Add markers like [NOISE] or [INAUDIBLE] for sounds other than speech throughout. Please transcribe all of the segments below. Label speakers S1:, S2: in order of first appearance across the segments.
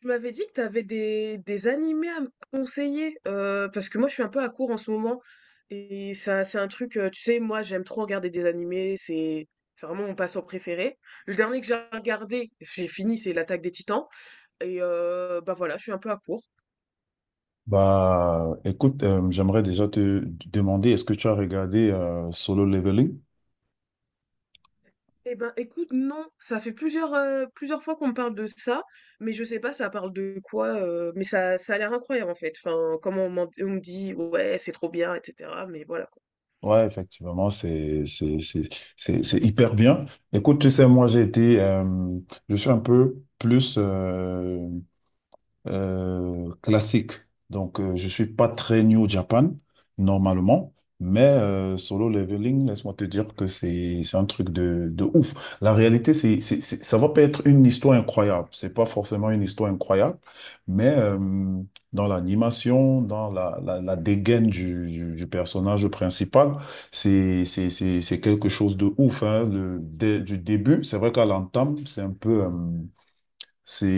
S1: Tu m'avais dit que tu avais des animés à me conseiller, parce que moi je suis un peu à court en ce moment, et ça c'est un truc, tu sais, moi j'aime trop regarder des animés, c'est vraiment mon passe-temps préféré. Le dernier que j'ai regardé, j'ai fini, c'est L'Attaque des Titans, et bah voilà, je suis un peu à court.
S2: J'aimerais déjà te demander, est-ce que tu as regardé Solo Leveling?
S1: Eh ben écoute, non, ça fait plusieurs fois qu'on me parle de ça, mais je sais pas ça parle de quoi, mais ça a l'air incroyable en fait, enfin, comment on, on me dit, ouais, c'est trop bien, etc., mais voilà quoi.
S2: Ouais, effectivement, c'est hyper bien. Écoute, tu sais, moi, je suis un peu plus classique. Donc, je ne suis pas très new au Japan, normalement, mais solo leveling, laisse-moi te dire que c'est un truc de ouf. La réalité, ça va pas être une histoire incroyable. C'est pas forcément une histoire incroyable, mais dans l'animation, dans la dégaine du personnage principal, c'est quelque chose de ouf, hein. Du début, c'est vrai qu'à l'entame, c'est un peu... c'est,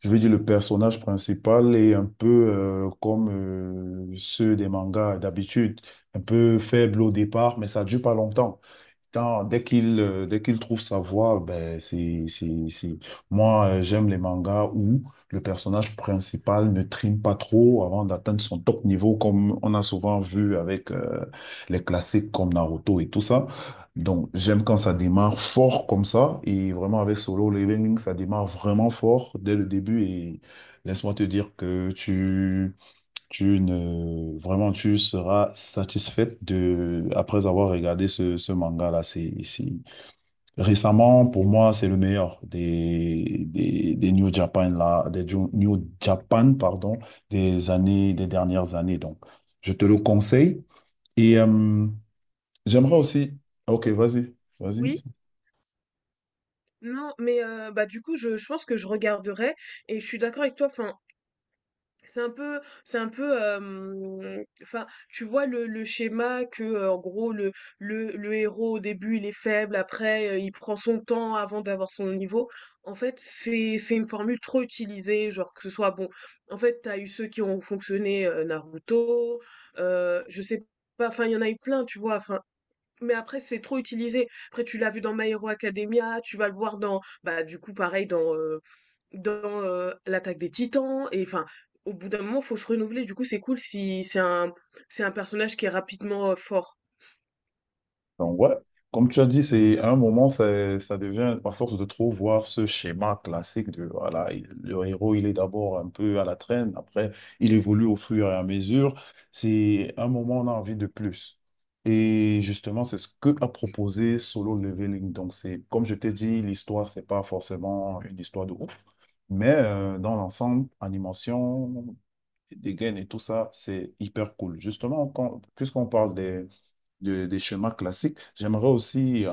S2: je veux dire, le personnage principal est un peu comme ceux des mangas d'habitude, un peu faible au départ, mais ça dure pas longtemps. Dès qu'il dès qu'il trouve sa voie, ben c'est- moi j'aime les mangas où le personnage principal ne trime pas trop avant d'atteindre son top niveau comme on a souvent vu avec les classiques comme Naruto et tout ça. Donc j'aime quand ça démarre fort comme ça et vraiment avec Solo Leveling ça démarre vraiment fort dès le début et laisse-moi te dire que tu tu ne, vraiment, tu seras satisfaite de, après avoir regardé ce manga-là. Récemment, pour moi, c'est le meilleur des New Japan, là, New Japan, pardon, des dernières années. Donc, je te le conseille. Et j'aimerais
S1: Et,
S2: aussi. Ok, vas-y,
S1: oui,
S2: vas-y.
S1: non, mais bah, du coup, je pense que je regarderai et je suis d'accord avec toi, enfin, c'est un peu c'est un peu, enfin, tu vois le schéma que, en gros, le héros, au début, il est faible, après, il prend son temps avant d'avoir son niveau. En fait, c'est une formule trop utilisée, genre que ce soit bon, en fait, t'as eu ceux qui ont fonctionné, Naruto, je sais pas, enfin, il y en a eu plein, tu vois? Enfin, mais après, c'est trop utilisé. Après, tu l'as vu dans My Hero Academia, tu vas le voir dans, bah, du coup, pareil, dans l'attaque des Titans. Et enfin, au bout d'un moment, faut se renouveler. Du coup, c'est cool si c'est un, c'est un personnage qui est rapidement fort.
S2: Donc, ouais, comme tu as dit, c'est à un moment, ça devient, à force de trop voir ce schéma classique de, voilà, le héros, il est d'abord un peu à la traîne, après, il évolue au fur et à mesure. C'est à un moment, on a envie de plus. Et justement, c'est ce que a proposé Solo Leveling. Donc, c'est, comme je t'ai dit, l'histoire, c'est pas forcément une histoire de ouf, mais dans l'ensemble, animation, des gains et tout ça, c'est hyper cool. Justement, puisqu'on parle des des schémas classiques. J'aimerais aussi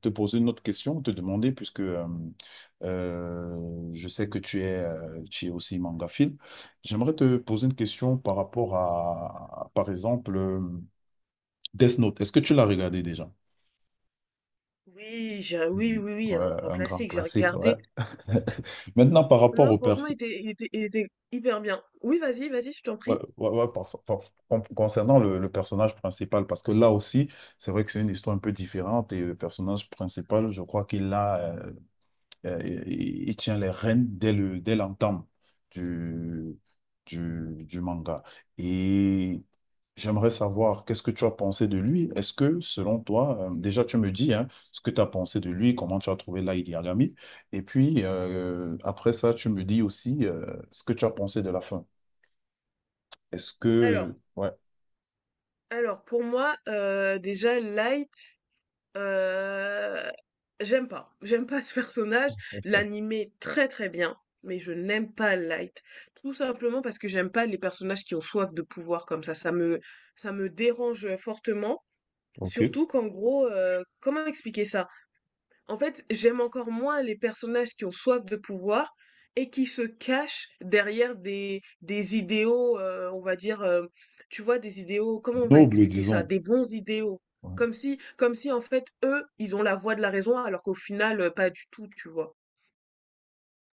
S2: te poser une autre question, te demander, puisque je sais que tu es aussi mangaphile, j'aimerais te poser une question par rapport à, par exemple, Death Note. Est-ce que tu l'as regardé déjà?
S1: Oui, oui,
S2: Mm.
S1: oui, oui,
S2: Ouais,
S1: un grand
S2: un grand
S1: classique, j'ai
S2: classique, ouais.
S1: regardé.
S2: [LAUGHS] Maintenant, par rapport
S1: Non,
S2: au
S1: franchement,
S2: perso...
S1: il était hyper bien. Oui, vas-y, vas-y, je t'en
S2: ouais,
S1: prie.
S2: ouais, ouais, par- par- concernant le personnage principal, parce que là aussi, c'est vrai que c'est une histoire un peu différente et le personnage principal, je crois qu'il a euh, il tient les rênes dès l'entame du, du manga. Et j'aimerais savoir, qu'est-ce que tu as pensé de lui? Est-ce que, selon toi, déjà tu me dis hein, ce que tu as pensé de lui, comment tu as trouvé Light Yagami, et puis après ça, tu me dis aussi ce que tu as pensé de la fin.
S1: Alors,
S2: Ouais,
S1: alors, pour moi, déjà, Light, Heu, j'aime pas. J'aime pas [LAUGHS] ce personnage. L'anime est très, très bien, mais je n'aime pas Light. Tout simplement parce que j'aime pas les personnages qui ont soif de pouvoir comme ça. Ça me dérange fortement.
S2: ok.
S1: Surtout qu'en gros, comment expliquer ça? En fait, j'aime encore moins les personnages qui ont soif de pouvoir et qui se cachent derrière des idéaux, on va dire, tu vois, des idéaux, comment on va
S2: Noble,
S1: expliquer ça?
S2: disons.
S1: Des bons idéaux. Comme si, en fait, eux, ils ont la voix de la raison alors qu'au final, pas du tout, tu vois?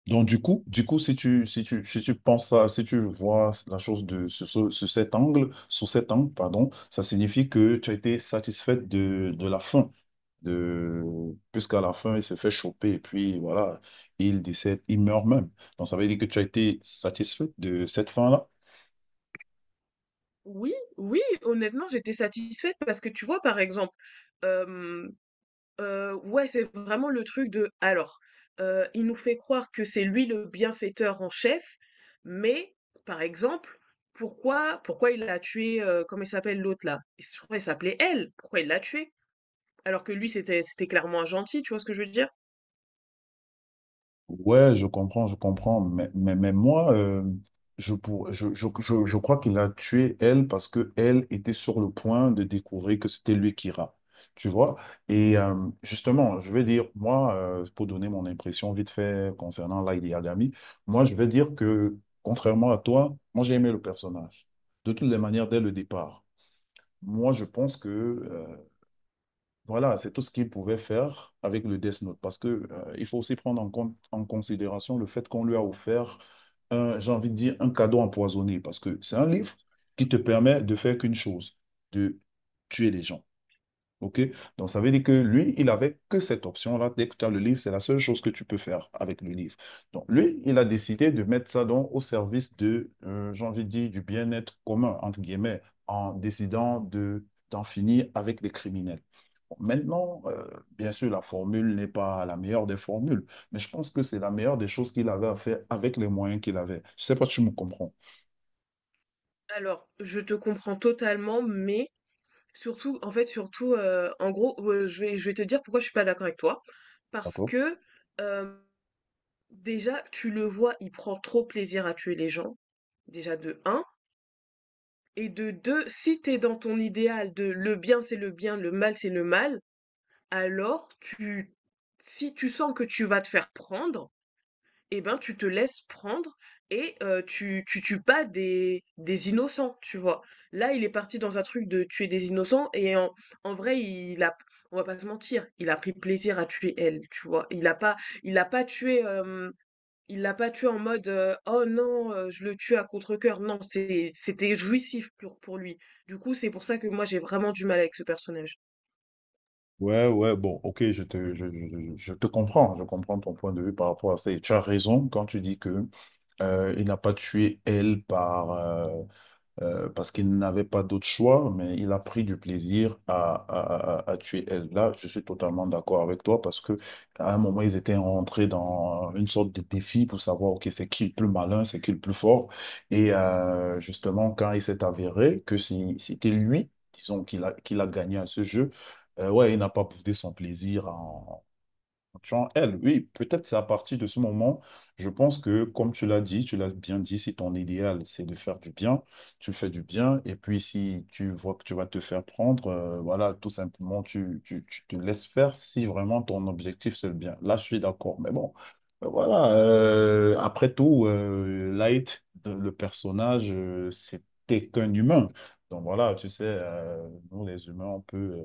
S2: Donc, si tu penses à, si tu vois la chose de, sous, sous cet angle, pardon, ça signifie que tu as été satisfaite de la fin. De, puisqu'à la fin, il se fait choper et puis voilà, il décède, il meurt même. Donc, ça veut dire que tu as été satisfaite de cette fin-là.
S1: Oui, oui, honnêtement, j'étais satisfaite parce que tu vois, par exemple, ouais, c'est vraiment le truc de alors, il nous fait croire que c'est lui le bienfaiteur en chef, mais par exemple, pourquoi il a tué, comment il s'appelle l'autre là? Il s je crois qu'il s'appelait elle. Pourquoi il l'a tué? Alors que lui c'était clairement un gentil, tu vois ce que je veux dire?
S2: Ouais, je comprends, je comprends. Mais moi, je, pour, je crois qu'il a tué elle parce que elle était sur le point de découvrir que c'était lui qui ira. Tu vois? Et justement, je vais dire, moi, pour donner mon impression vite fait concernant Lady Yagami, moi, je vais dire que, contrairement à toi, moi, j'ai aimé le personnage. De toutes les manières, dès le départ. Moi, je pense que voilà, c'est tout ce qu'il pouvait faire avec le Death Note, parce que il faut aussi prendre en compte, en considération le fait qu'on lui a offert un, j'ai envie de dire, un cadeau empoisonné, parce que c'est un livre qui te permet de faire qu'une chose, de tuer les gens. OK? Donc, ça veut dire que lui, il avait que cette option-là. Dès que tu as le livre, c'est la seule chose que tu peux faire avec le livre. Donc, lui, il a décidé de mettre ça donc au service de, j'ai envie de dire, du bien-être commun, entre guillemets, en décidant de, d'en finir avec les criminels. Bon, maintenant, bien sûr, la formule n'est pas la meilleure des formules, mais je pense que c'est la meilleure des choses qu'il avait à faire avec les moyens qu'il avait. Je ne sais pas si tu me comprends.
S1: Alors, je te comprends totalement, mais surtout en fait, surtout, en gros, je vais te dire pourquoi je suis pas d'accord avec toi. Parce
S2: D'accord?
S1: que, hem déjà, tu le vois, il prend trop plaisir à tuer les gens, déjà de un, et de 2, si t'es dans ton idéal de le bien c'est le bien, le mal c'est le mal, alors tu, si tu sens que tu vas te faire prendre, eh ben tu te laisses prendre et tu, tu tues pas des innocents, tu vois. Là, il est parti dans un truc de tuer des innocents et en vrai, on va pas se mentir, il a pris plaisir à tuer elle, tu vois. Il a pas tué. Il l'a pas tué en mode, «Oh non, je le tue à contre-cœur». Non, c'était jouissif pour lui. Du coup, c'est pour ça que moi j'ai vraiment du mal avec ce personnage.
S2: Ouais, ouais, bon, ok, je te comprends, je comprends ton point de vue par rapport à ça. Et tu as raison quand tu dis que il n'a pas tué elle parce qu'il n'avait pas d'autre choix, mais il a pris du plaisir à tuer elle. Là, je suis totalement d'accord avec toi parce que à un moment, ils étaient rentrés dans une sorte de défi pour savoir, OK, c'est qui le plus malin, c'est qui le plus fort. Et justement, quand il s'est avéré que c'était lui, disons, qu'il a gagné à ce jeu, ouais, il n'a pas prouvé son plaisir en tu Genre, elle, oui, peut-être c'est à partir de ce moment, je pense que, comme tu l'as dit, tu l'as bien dit, si ton idéal, c'est de faire du bien, tu fais du bien, et puis si tu vois que tu vas te faire prendre, voilà, tout simplement, tu te laisses faire si vraiment ton objectif, c'est le bien. Là, je suis d'accord, mais bon, voilà, après tout, Light, le personnage, c'était qu'un humain. Donc voilà, tu sais, nous, les humains, on peut...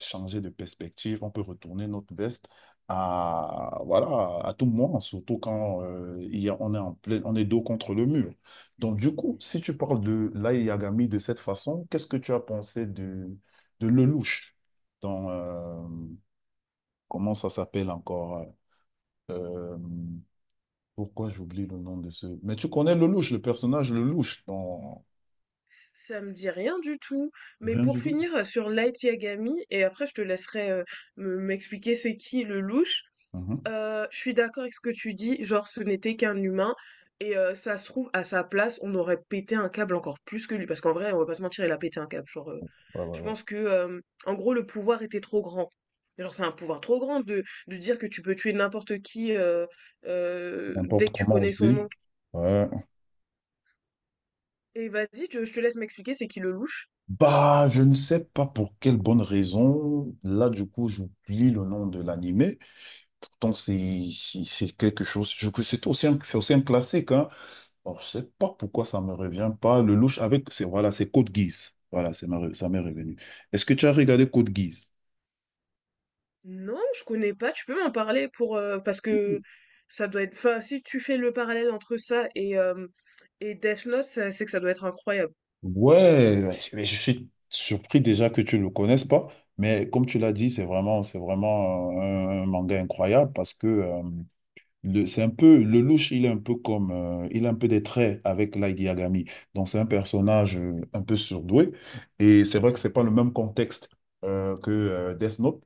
S2: changer de perspective, on peut retourner notre veste à, voilà, à tout moment, surtout quand on est en plein, on est dos contre le mur. Donc, du coup, si tu parles de Lai Yagami de cette façon, qu'est-ce que tu as pensé de Lelouch dans, comment ça s'appelle encore? euh, Pourquoi j'oublie le nom de ce... mais tu connais Lelouch, le personnage Lelouch dans...
S1: Ça me dit rien du tout, mais
S2: Rien
S1: pour
S2: du tout.
S1: finir, sur Light Yagami, et après je te laisserai me m'expliquer c'est qui le louche.
S2: Mhm.
S1: Je suis d'accord avec ce que tu dis, genre ce n'était qu'un humain et ça se trouve à sa place, on aurait pété un câble encore plus que lui. Parce qu'en vrai, on va pas se mentir, il a pété un câble.
S2: Ouais, ouais,
S1: Je
S2: ouais.
S1: pense que, en gros, le pouvoir était trop grand. Genre, c'est un pouvoir trop grand de dire que tu peux tuer n'importe qui, dès
S2: N'importe
S1: que tu
S2: comment
S1: connais son
S2: aussi.
S1: nom.
S2: Ouais.
S1: Et vas-y, je te laisse m'expliquer, c'est qui le louche?
S2: Bah, je ne sais pas pour quelle bonne raison. Là, du coup, j'oublie le nom de l'animé. Pourtant, c'est quelque chose. Je que c'est aussi un classique, hein. Alors, je sais pas pourquoi ça me revient pas. Le louche avec c'est voilà, c'est Code Geass. Voilà, ça m'est revenu. Est-ce que tu as regardé Code Geass?
S1: Non, je connais pas. Tu peux m'en parler, pour parce que ça doit être. Enfin, si tu fais le parallèle entre ça et Death Note, c'est que ça doit être incroyable.
S2: Ouais, ouais, mais je suis surpris déjà que tu ne le connaisses pas. Mais comme tu l'as dit, c'est vraiment un manga incroyable parce que c'est un peu, le louche, il est un peu comme, il a un peu des traits avec Light Yagami. Donc, c'est un personnage un peu surdoué. Et c'est vrai que c'est pas le même contexte que Death Note.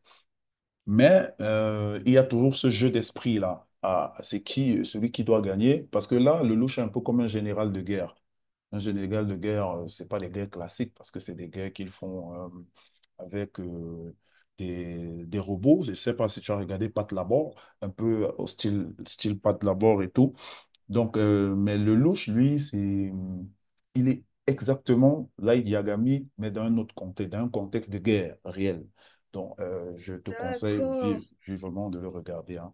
S2: Mais il y a toujours ce jeu d'esprit-là. Ah, c'est qui, celui qui doit gagner. Parce que là, le louche est un peu comme un général de guerre. Un général de guerre, c'est pas des guerres classiques parce que c'est des guerres qu'ils font avec des robots. Je sais pas si tu as regardé Pat Labor, un peu au style, style Pat Labor et tout. Donc, mais le louche, lui, c'est, il est exactement Light Yagami, mais dans un autre contexte, dans un contexte de guerre réelle. Donc, je te conseille
S1: D'accord.
S2: vivement de le regarder, hein.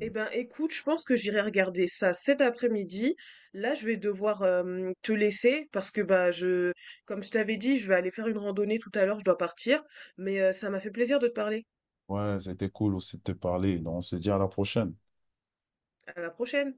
S1: Eh ben, écoute, je pense que j'irai regarder ça cet après-midi. Là, je vais devoir te laisser parce que comme je t'avais dit, je vais aller faire une randonnée tout à l'heure. Je dois partir, mais ça m'a fait plaisir de te parler.
S2: Ouais, c'était cool aussi de te parler. Donc, on se dit à la prochaine.
S1: À la prochaine.